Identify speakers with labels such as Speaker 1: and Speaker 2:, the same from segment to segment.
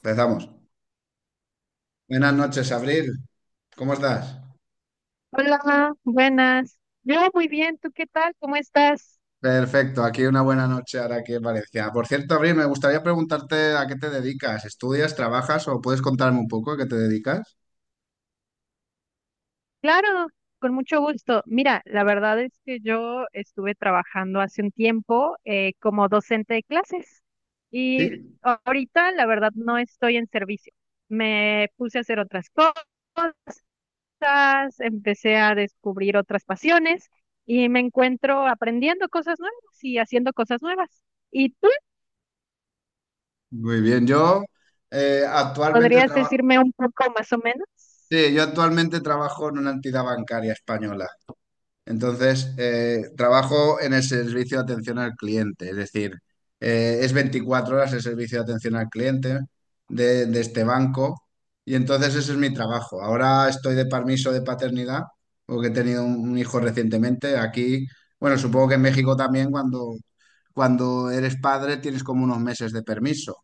Speaker 1: Empezamos. Buenas noches, Abril. ¿Cómo estás?
Speaker 2: Hola, buenas. Yo muy bien, ¿tú qué tal? ¿Cómo estás?
Speaker 1: Perfecto, aquí una buena noche ahora aquí en Valencia. Por cierto, Abril, me gustaría preguntarte a qué te dedicas. ¿Estudias, trabajas o puedes contarme un poco a qué te dedicas?
Speaker 2: Claro, con mucho gusto. Mira, la verdad es que yo estuve trabajando hace un tiempo como docente de clases y
Speaker 1: Sí.
Speaker 2: ahorita la verdad no estoy en servicio. Me puse a hacer otras cosas, empecé a descubrir otras pasiones y me encuentro aprendiendo cosas nuevas y haciendo cosas nuevas. ¿Y tú
Speaker 1: Muy bien, yo actualmente
Speaker 2: podrías
Speaker 1: trabajo.
Speaker 2: decirme un poco más o menos?
Speaker 1: Sí, yo actualmente trabajo en una entidad bancaria española. Entonces, trabajo en el servicio de atención al cliente, es decir, es 24 horas el servicio de atención al cliente de este banco, y entonces ese es mi trabajo. Ahora estoy de permiso de paternidad porque he tenido un hijo recientemente aquí. Bueno, supongo que en México también cuando eres padre tienes como unos meses de permiso.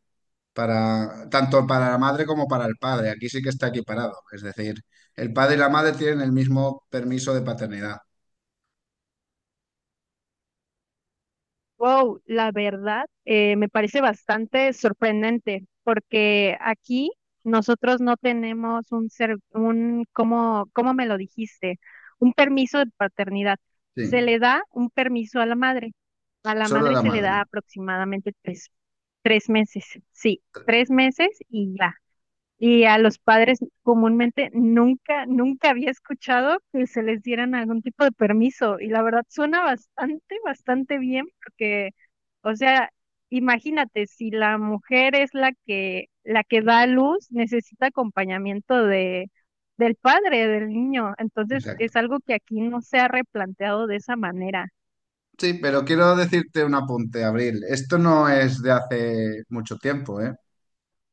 Speaker 1: Para, tanto para la madre como para el padre. Aquí sí que está equiparado. Es decir, el padre y la madre tienen el mismo permiso de paternidad.
Speaker 2: Wow, la verdad, me parece bastante sorprendente porque aquí nosotros no tenemos ¿cómo me lo dijiste? Un permiso de paternidad. Se
Speaker 1: Sí.
Speaker 2: le da un permiso a la madre. A la
Speaker 1: Solo
Speaker 2: madre
Speaker 1: la
Speaker 2: se le da
Speaker 1: madre,
Speaker 2: aproximadamente tres meses. Sí, 3 meses y ya. Y a los padres comúnmente nunca había escuchado que se les dieran algún tipo de permiso. Y la verdad suena bastante, bastante bien porque, o sea, imagínate, si la mujer es la que da a luz, necesita acompañamiento del padre, del niño. Entonces
Speaker 1: exacto.
Speaker 2: es algo que aquí no se ha replanteado de esa manera.
Speaker 1: Sí, pero quiero decirte un apunte, Abril. Esto no es de hace mucho tiempo, ¿eh?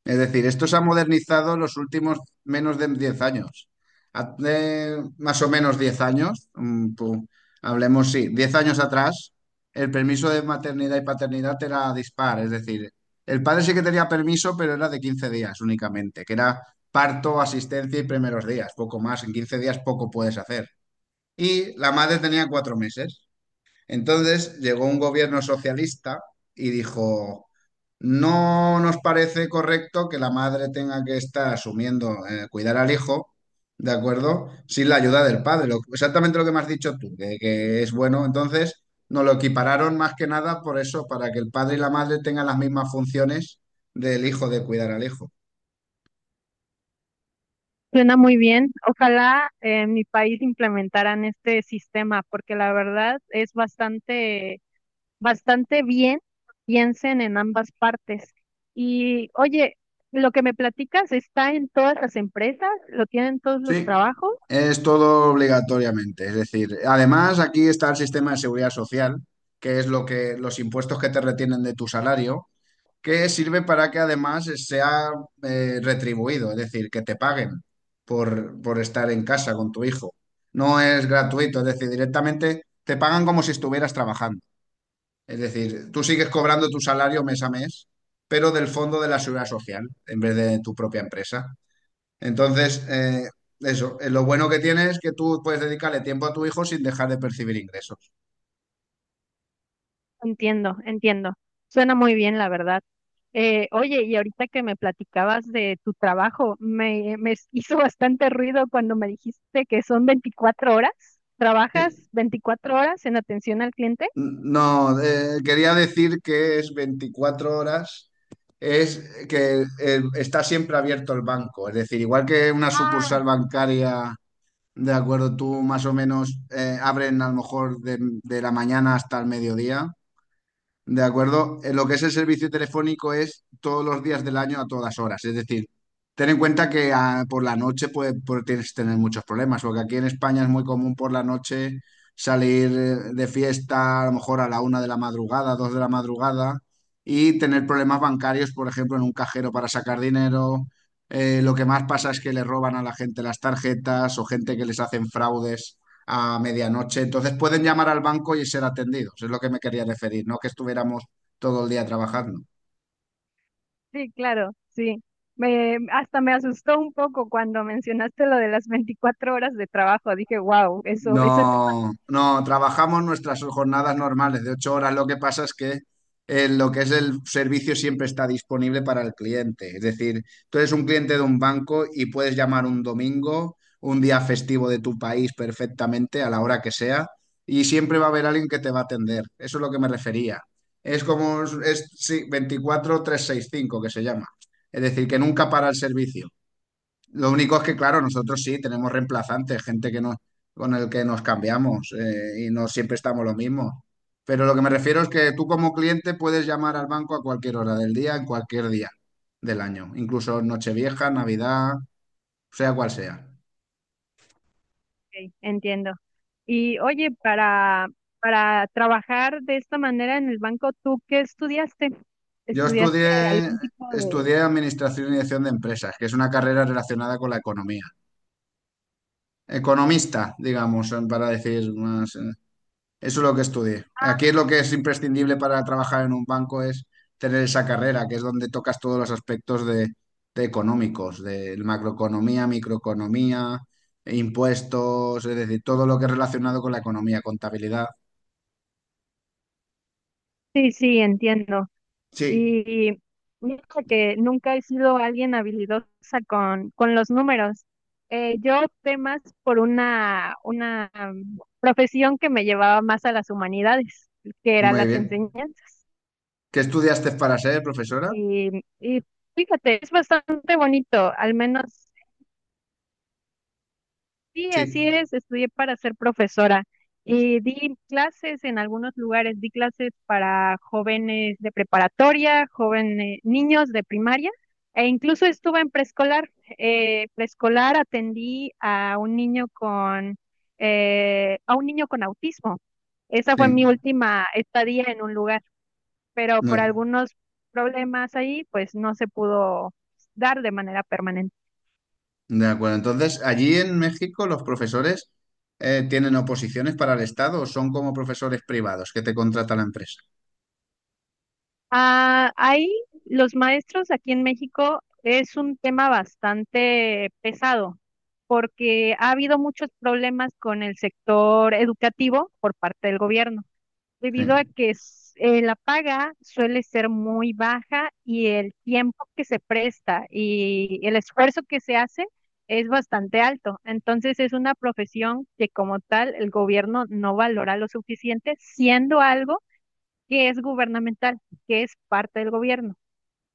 Speaker 1: Es decir, esto se ha modernizado los últimos menos de 10 años. Hace más o menos 10 años, hablemos, sí, 10 años atrás, el permiso de maternidad y paternidad era dispar. Es decir, el padre sí que tenía permiso, pero era de 15 días únicamente, que era parto, asistencia y primeros días, poco más. En 15 días poco puedes hacer. Y la madre tenía 4 meses. Entonces llegó un gobierno socialista y dijo, no nos parece correcto que la madre tenga que estar asumiendo cuidar al hijo, ¿de acuerdo? Sin la ayuda del padre. Exactamente lo que me has dicho tú, que es bueno. Entonces nos lo equipararon más que nada por eso, para que el padre y la madre tengan las mismas funciones del hijo, de cuidar al hijo.
Speaker 2: Suena muy bien. Ojalá en mi país implementaran este sistema porque la verdad es bastante bastante bien, piensen en ambas partes. Y oye, lo que me platicas está en todas las empresas, lo tienen todos los
Speaker 1: Sí,
Speaker 2: trabajos.
Speaker 1: es todo obligatoriamente. Es decir, además aquí está el sistema de seguridad social, que es lo que los impuestos que te retienen de tu salario, que sirve para que además sea retribuido, es decir, que te paguen por estar en casa con tu hijo. No es gratuito, es decir, directamente te pagan como si estuvieras trabajando. Es decir, tú sigues cobrando tu salario mes a mes, pero del fondo de la seguridad social, en vez de tu propia empresa. Entonces, eso, lo bueno que tiene es que tú puedes dedicarle tiempo a tu hijo sin dejar de percibir ingresos.
Speaker 2: Entiendo, entiendo. Suena muy bien, la verdad. Oye, y ahorita que me platicabas de tu trabajo, me hizo bastante ruido cuando me dijiste que son 24 horas.
Speaker 1: Sí.
Speaker 2: ¿Trabajas 24 horas en atención al cliente?
Speaker 1: No, quería decir que es 24 horas, es que está siempre abierto el banco, es decir, igual que una sucursal
Speaker 2: Ah,
Speaker 1: bancaria, de acuerdo, tú más o menos abren a lo mejor de la mañana hasta el mediodía. De acuerdo. Lo que es el servicio telefónico es todos los días del año a todas horas. Es decir, ten en cuenta que por la noche puede, tienes que tener muchos problemas, porque aquí en España es muy común por la noche salir de fiesta a lo mejor a la una de la madrugada, dos de la madrugada, y tener problemas bancarios, por ejemplo, en un cajero para sacar dinero. Lo que más pasa es que le roban a la gente las tarjetas o gente que les hacen fraudes a medianoche. Entonces pueden llamar al banco y ser atendidos, es lo que me quería referir, no que estuviéramos todo el día trabajando.
Speaker 2: sí, claro, sí. Hasta me asustó un poco cuando mencionaste lo de las 24 horas de trabajo. Dije, wow, eso es.
Speaker 1: No, no, trabajamos nuestras jornadas normales de 8 horas. Lo que pasa es que lo que es el servicio siempre está disponible para el cliente. Es decir, tú eres un cliente de un banco y puedes llamar un domingo, un día festivo de tu país perfectamente, a la hora que sea, y siempre va a haber alguien que te va a atender. Eso es lo que me refería. Es como, es, sí, 24-365 que se llama. Es decir, que nunca para el servicio. Lo único es que, claro, nosotros sí tenemos reemplazantes, gente que nos, con el que nos cambiamos y no siempre estamos lo mismo. Pero lo que me refiero es que tú como cliente puedes llamar al banco a cualquier hora del día, en cualquier día del año, incluso Nochevieja, Navidad, sea cual sea.
Speaker 2: Ok, entiendo. Y oye, para trabajar de esta manera en el banco, ¿tú qué estudiaste?
Speaker 1: Yo
Speaker 2: ¿Estudiaste
Speaker 1: estudié,
Speaker 2: algún tipo de...?
Speaker 1: estudié Administración y Dirección de Empresas, que es una carrera relacionada con la economía. Economista, digamos, para decir más, eso es lo que estudié. Aquí es lo que es imprescindible para trabajar en un banco es tener esa carrera, que es donde tocas todos los aspectos de económicos, de macroeconomía, microeconomía, impuestos, es decir, todo lo que es relacionado con la economía, contabilidad.
Speaker 2: Sí, sí, entiendo.
Speaker 1: Sí,
Speaker 2: Y mira que nunca he sido alguien habilidosa con los números. Yo opté más por una profesión que me llevaba más a las humanidades, que eran
Speaker 1: muy
Speaker 2: las
Speaker 1: bien.
Speaker 2: enseñanzas.
Speaker 1: ¿Qué estudiaste para ser profesora?
Speaker 2: Y fíjate, es bastante bonito, al menos. Sí,
Speaker 1: Sí,
Speaker 2: así es, estudié para ser profesora y di clases en algunos lugares, di clases para jóvenes de preparatoria, jóvenes, niños de primaria e incluso estuve en preescolar. Preescolar atendí a un niño con a un niño con autismo. Esa fue mi
Speaker 1: sí,
Speaker 2: última estadía en un lugar, pero
Speaker 1: muy
Speaker 2: por algunos problemas ahí, pues no se pudo dar de manera permanente.
Speaker 1: de acuerdo. Entonces, allí en México los profesores tienen oposiciones para el Estado o son como profesores privados que te contrata la empresa.
Speaker 2: Ah, ahí los maestros aquí en México es un tema bastante pesado porque ha habido muchos problemas con el sector educativo por parte del gobierno, debido a
Speaker 1: Sí.
Speaker 2: que la paga suele ser muy baja y el tiempo que se presta y el esfuerzo que se hace es bastante alto. Entonces es una profesión que como tal el gobierno no valora lo suficiente, siendo algo que es gubernamental, que es parte del gobierno.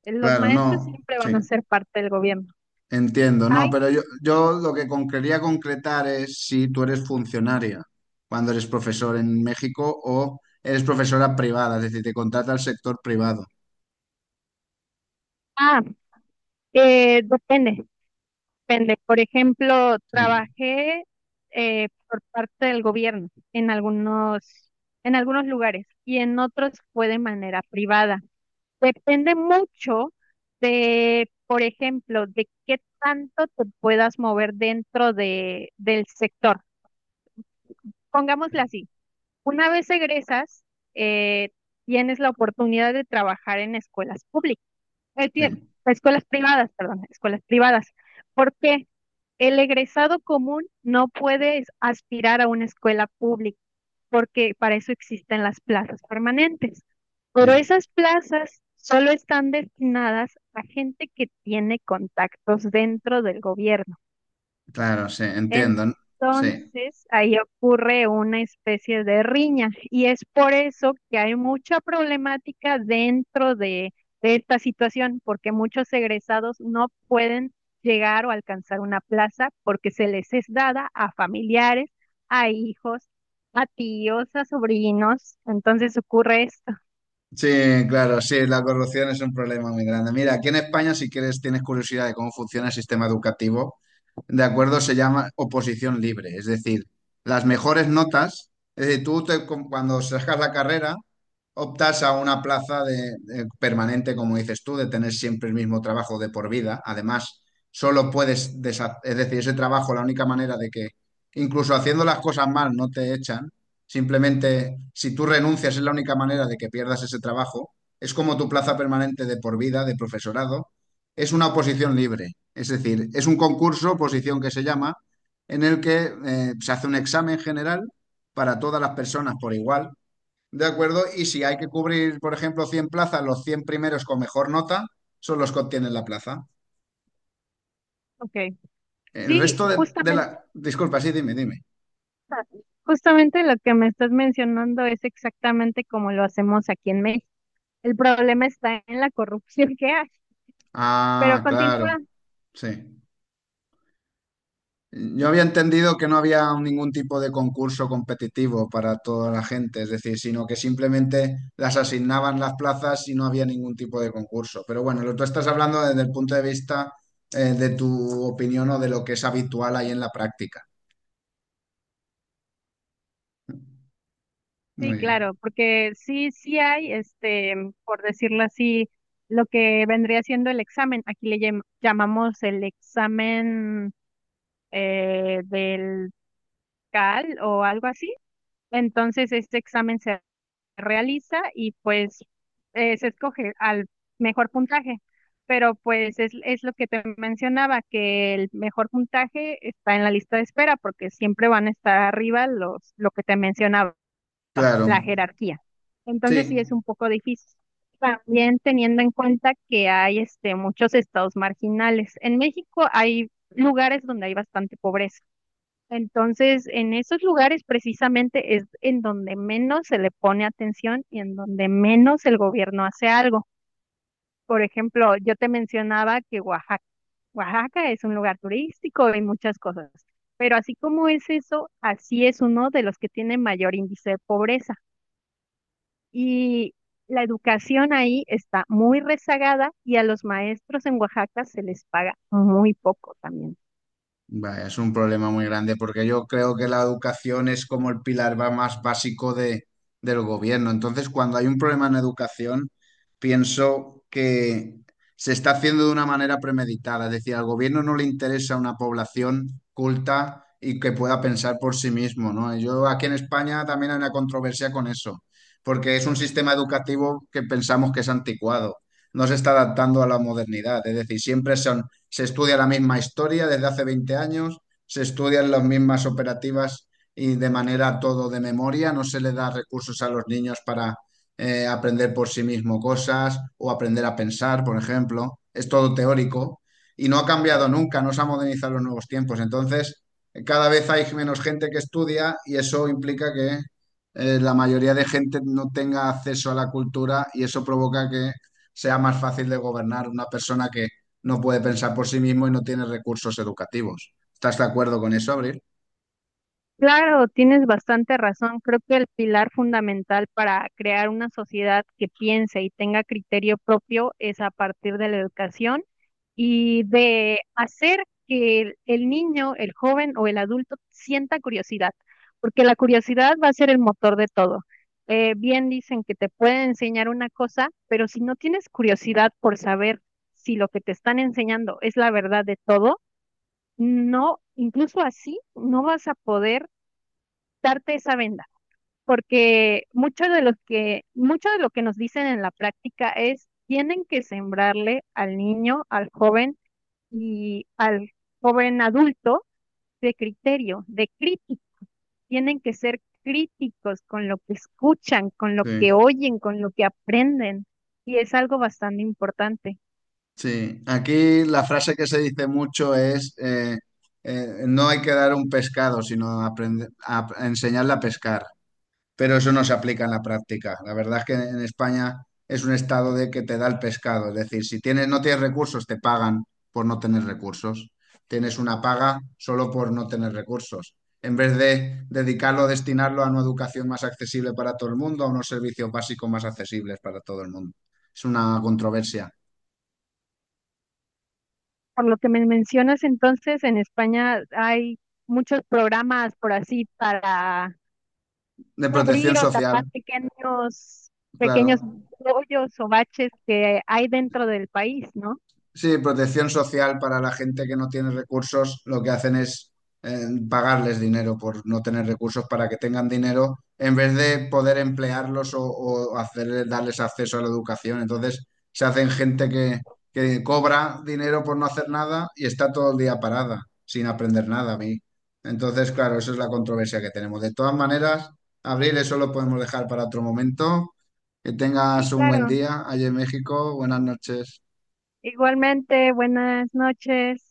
Speaker 2: Los
Speaker 1: Claro,
Speaker 2: maestros
Speaker 1: no,
Speaker 2: siempre van a
Speaker 1: sí,
Speaker 2: ser parte del gobierno.
Speaker 1: entiendo, no,
Speaker 2: Hay,
Speaker 1: pero yo, lo que quería concretar es si tú eres funcionaria cuando eres profesor en México o eres profesora privada, es decir, te contrata el sector privado.
Speaker 2: ah, depende, depende. Por ejemplo,
Speaker 1: Sí,
Speaker 2: trabajé por parte del gobierno en algunos lugares y en otros fue de manera privada. Depende mucho de, por ejemplo, de qué tanto te puedas mover dentro del sector. Pongámosla así. Una vez egresas, eh, tienes la oportunidad de trabajar en escuelas públicas, eh, tie-
Speaker 1: sí,
Speaker 2: escuelas privadas, perdón, escuelas privadas, porque el egresado común no puede aspirar a una escuela pública, porque para eso existen las plazas permanentes. Pero
Speaker 1: sí,
Speaker 2: esas plazas solo están destinadas a gente que tiene contactos dentro del gobierno.
Speaker 1: claro, sí, entiendo, sí.
Speaker 2: Entonces, ahí ocurre una especie de riña y es por eso que hay mucha problemática dentro de esta situación, porque muchos egresados no pueden llegar o alcanzar una plaza porque se les es dada a familiares, a hijos, a tíos, a sobrinos. Entonces ocurre esto.
Speaker 1: Sí, claro, sí, la corrupción es un problema muy grande. Mira, aquí en España, si quieres, tienes curiosidad de cómo funciona el sistema educativo, de acuerdo, se llama oposición libre, es decir, las mejores notas, es decir, cuando sacas la carrera, optas a una plaza de permanente, como dices tú, de tener siempre el mismo trabajo de por vida. Además, solo puedes, es decir, ese trabajo, la única manera de que, incluso haciendo las cosas mal, no te echan. Simplemente, si tú renuncias es la única manera de que pierdas ese trabajo. Es como tu plaza permanente de por vida, de profesorado. Es una oposición libre. Es decir, es un concurso, oposición que se llama, en el que se hace un examen general para todas las personas por igual. ¿De acuerdo? Y si hay que cubrir, por ejemplo, 100 plazas, los 100 primeros con mejor nota son los que obtienen la plaza.
Speaker 2: Okay.
Speaker 1: El
Speaker 2: Sí,
Speaker 1: resto de
Speaker 2: justamente,
Speaker 1: la... Disculpa, sí, dime, dime.
Speaker 2: justamente lo que me estás mencionando es exactamente como lo hacemos aquí en México. El problema está en la corrupción que hay, pero
Speaker 1: Ah, claro,
Speaker 2: continúa,
Speaker 1: sí. Yo había entendido que no había ningún tipo de concurso competitivo para toda la gente, es decir, sino que simplemente las asignaban las plazas y no había ningún tipo de concurso. Pero bueno, lo tú estás hablando desde el punto de vista de tu opinión o de lo que es habitual ahí en la práctica.
Speaker 2: sí,
Speaker 1: Muy bien.
Speaker 2: claro, porque sí hay, este, por decirlo así, lo que vendría siendo el examen. Aquí le llamamos el examen del CAL o algo así. Entonces, este examen se realiza y pues se escoge al mejor puntaje. Pero pues es lo que te mencionaba, que el mejor puntaje está en la lista de espera porque siempre van a estar arriba lo que te mencionaba,
Speaker 1: Claro,
Speaker 2: la jerarquía. Entonces sí
Speaker 1: sí.
Speaker 2: es un poco difícil. También teniendo en cuenta que hay este, muchos estados marginales. En México hay lugares donde hay bastante pobreza. Entonces, en esos lugares precisamente es en donde menos se le pone atención y en donde menos el gobierno hace algo. Por ejemplo, yo te mencionaba que Oaxaca es un lugar turístico y muchas cosas, pero así como es eso, así es uno de los que tiene mayor índice de pobreza. Y la educación ahí está muy rezagada y a los maestros en Oaxaca se les paga muy poco también.
Speaker 1: Vaya, es un problema muy grande porque yo creo que la educación es como el pilar más básico de, del gobierno. Entonces, cuando hay un problema en educación, pienso que se está haciendo de una manera premeditada. Es decir, al gobierno no le interesa una población culta y que pueda pensar por sí mismo, ¿no? Yo aquí en España también hay una controversia con eso, porque es un sistema educativo que pensamos que es anticuado. No se está adaptando a la modernidad. Es decir, siempre son se estudia la misma historia desde hace 20 años, se estudian las mismas operativas y de manera todo de memoria, no se le da recursos a los niños para aprender por sí mismo cosas o aprender a pensar, por ejemplo, es todo teórico y no ha cambiado nunca, no se ha modernizado los nuevos tiempos, entonces cada vez hay menos gente que estudia y eso implica que la mayoría de gente no tenga acceso a la cultura y eso provoca que sea más fácil de gobernar una persona que no puede pensar por sí mismo y no tiene recursos educativos. ¿Estás de acuerdo con eso, Abril?
Speaker 2: Claro, tienes bastante razón. Creo que el pilar fundamental para crear una sociedad que piense y tenga criterio propio es a partir de la educación y de hacer que el niño, el joven o el adulto sienta curiosidad, porque la curiosidad va a ser el motor de todo. Bien dicen que te pueden enseñar una cosa, pero si no tienes curiosidad por saber si lo que te están enseñando es la verdad de todo, no, incluso así no vas a poder quitarte esa venda, porque mucho de lo que nos dicen en la práctica es tienen que sembrarle al niño, al joven y al joven adulto de criterio, de crítica. Tienen que ser críticos con lo que escuchan, con lo que
Speaker 1: Sí.
Speaker 2: oyen, con lo que aprenden. Y es algo bastante importante.
Speaker 1: Sí. Aquí la frase que se dice mucho es, no hay que dar un pescado, sino aprender a enseñarle a pescar. Pero eso no se aplica en la práctica. La verdad es que en España es un estado de que te da el pescado, es decir, si tienes, no tienes recursos, te pagan por no tener recursos. Tienes una paga solo por no tener recursos. En vez de dedicarlo, destinarlo a una educación más accesible para todo el mundo, a unos servicios básicos más accesibles para todo el mundo. Es una controversia.
Speaker 2: Por lo que me mencionas entonces, en España hay muchos programas por así para
Speaker 1: De protección
Speaker 2: abrir o
Speaker 1: social,
Speaker 2: tapar pequeños, pequeños
Speaker 1: claro.
Speaker 2: hoyos o baches que hay dentro del país, ¿no?
Speaker 1: Sí, protección social para la gente que no tiene recursos, lo que hacen es pagarles dinero por no tener recursos para que tengan dinero en vez de poder emplearlos o darles acceso a la educación. Entonces se hacen gente que cobra dinero por no hacer nada y está todo el día parada sin aprender nada a mí. Entonces, claro, esa es la controversia que tenemos. De todas maneras, Abril, eso lo podemos dejar para otro momento. Que
Speaker 2: Sí,
Speaker 1: tengas un buen
Speaker 2: claro.
Speaker 1: día allí en México. Buenas noches.
Speaker 2: Igualmente, buenas noches.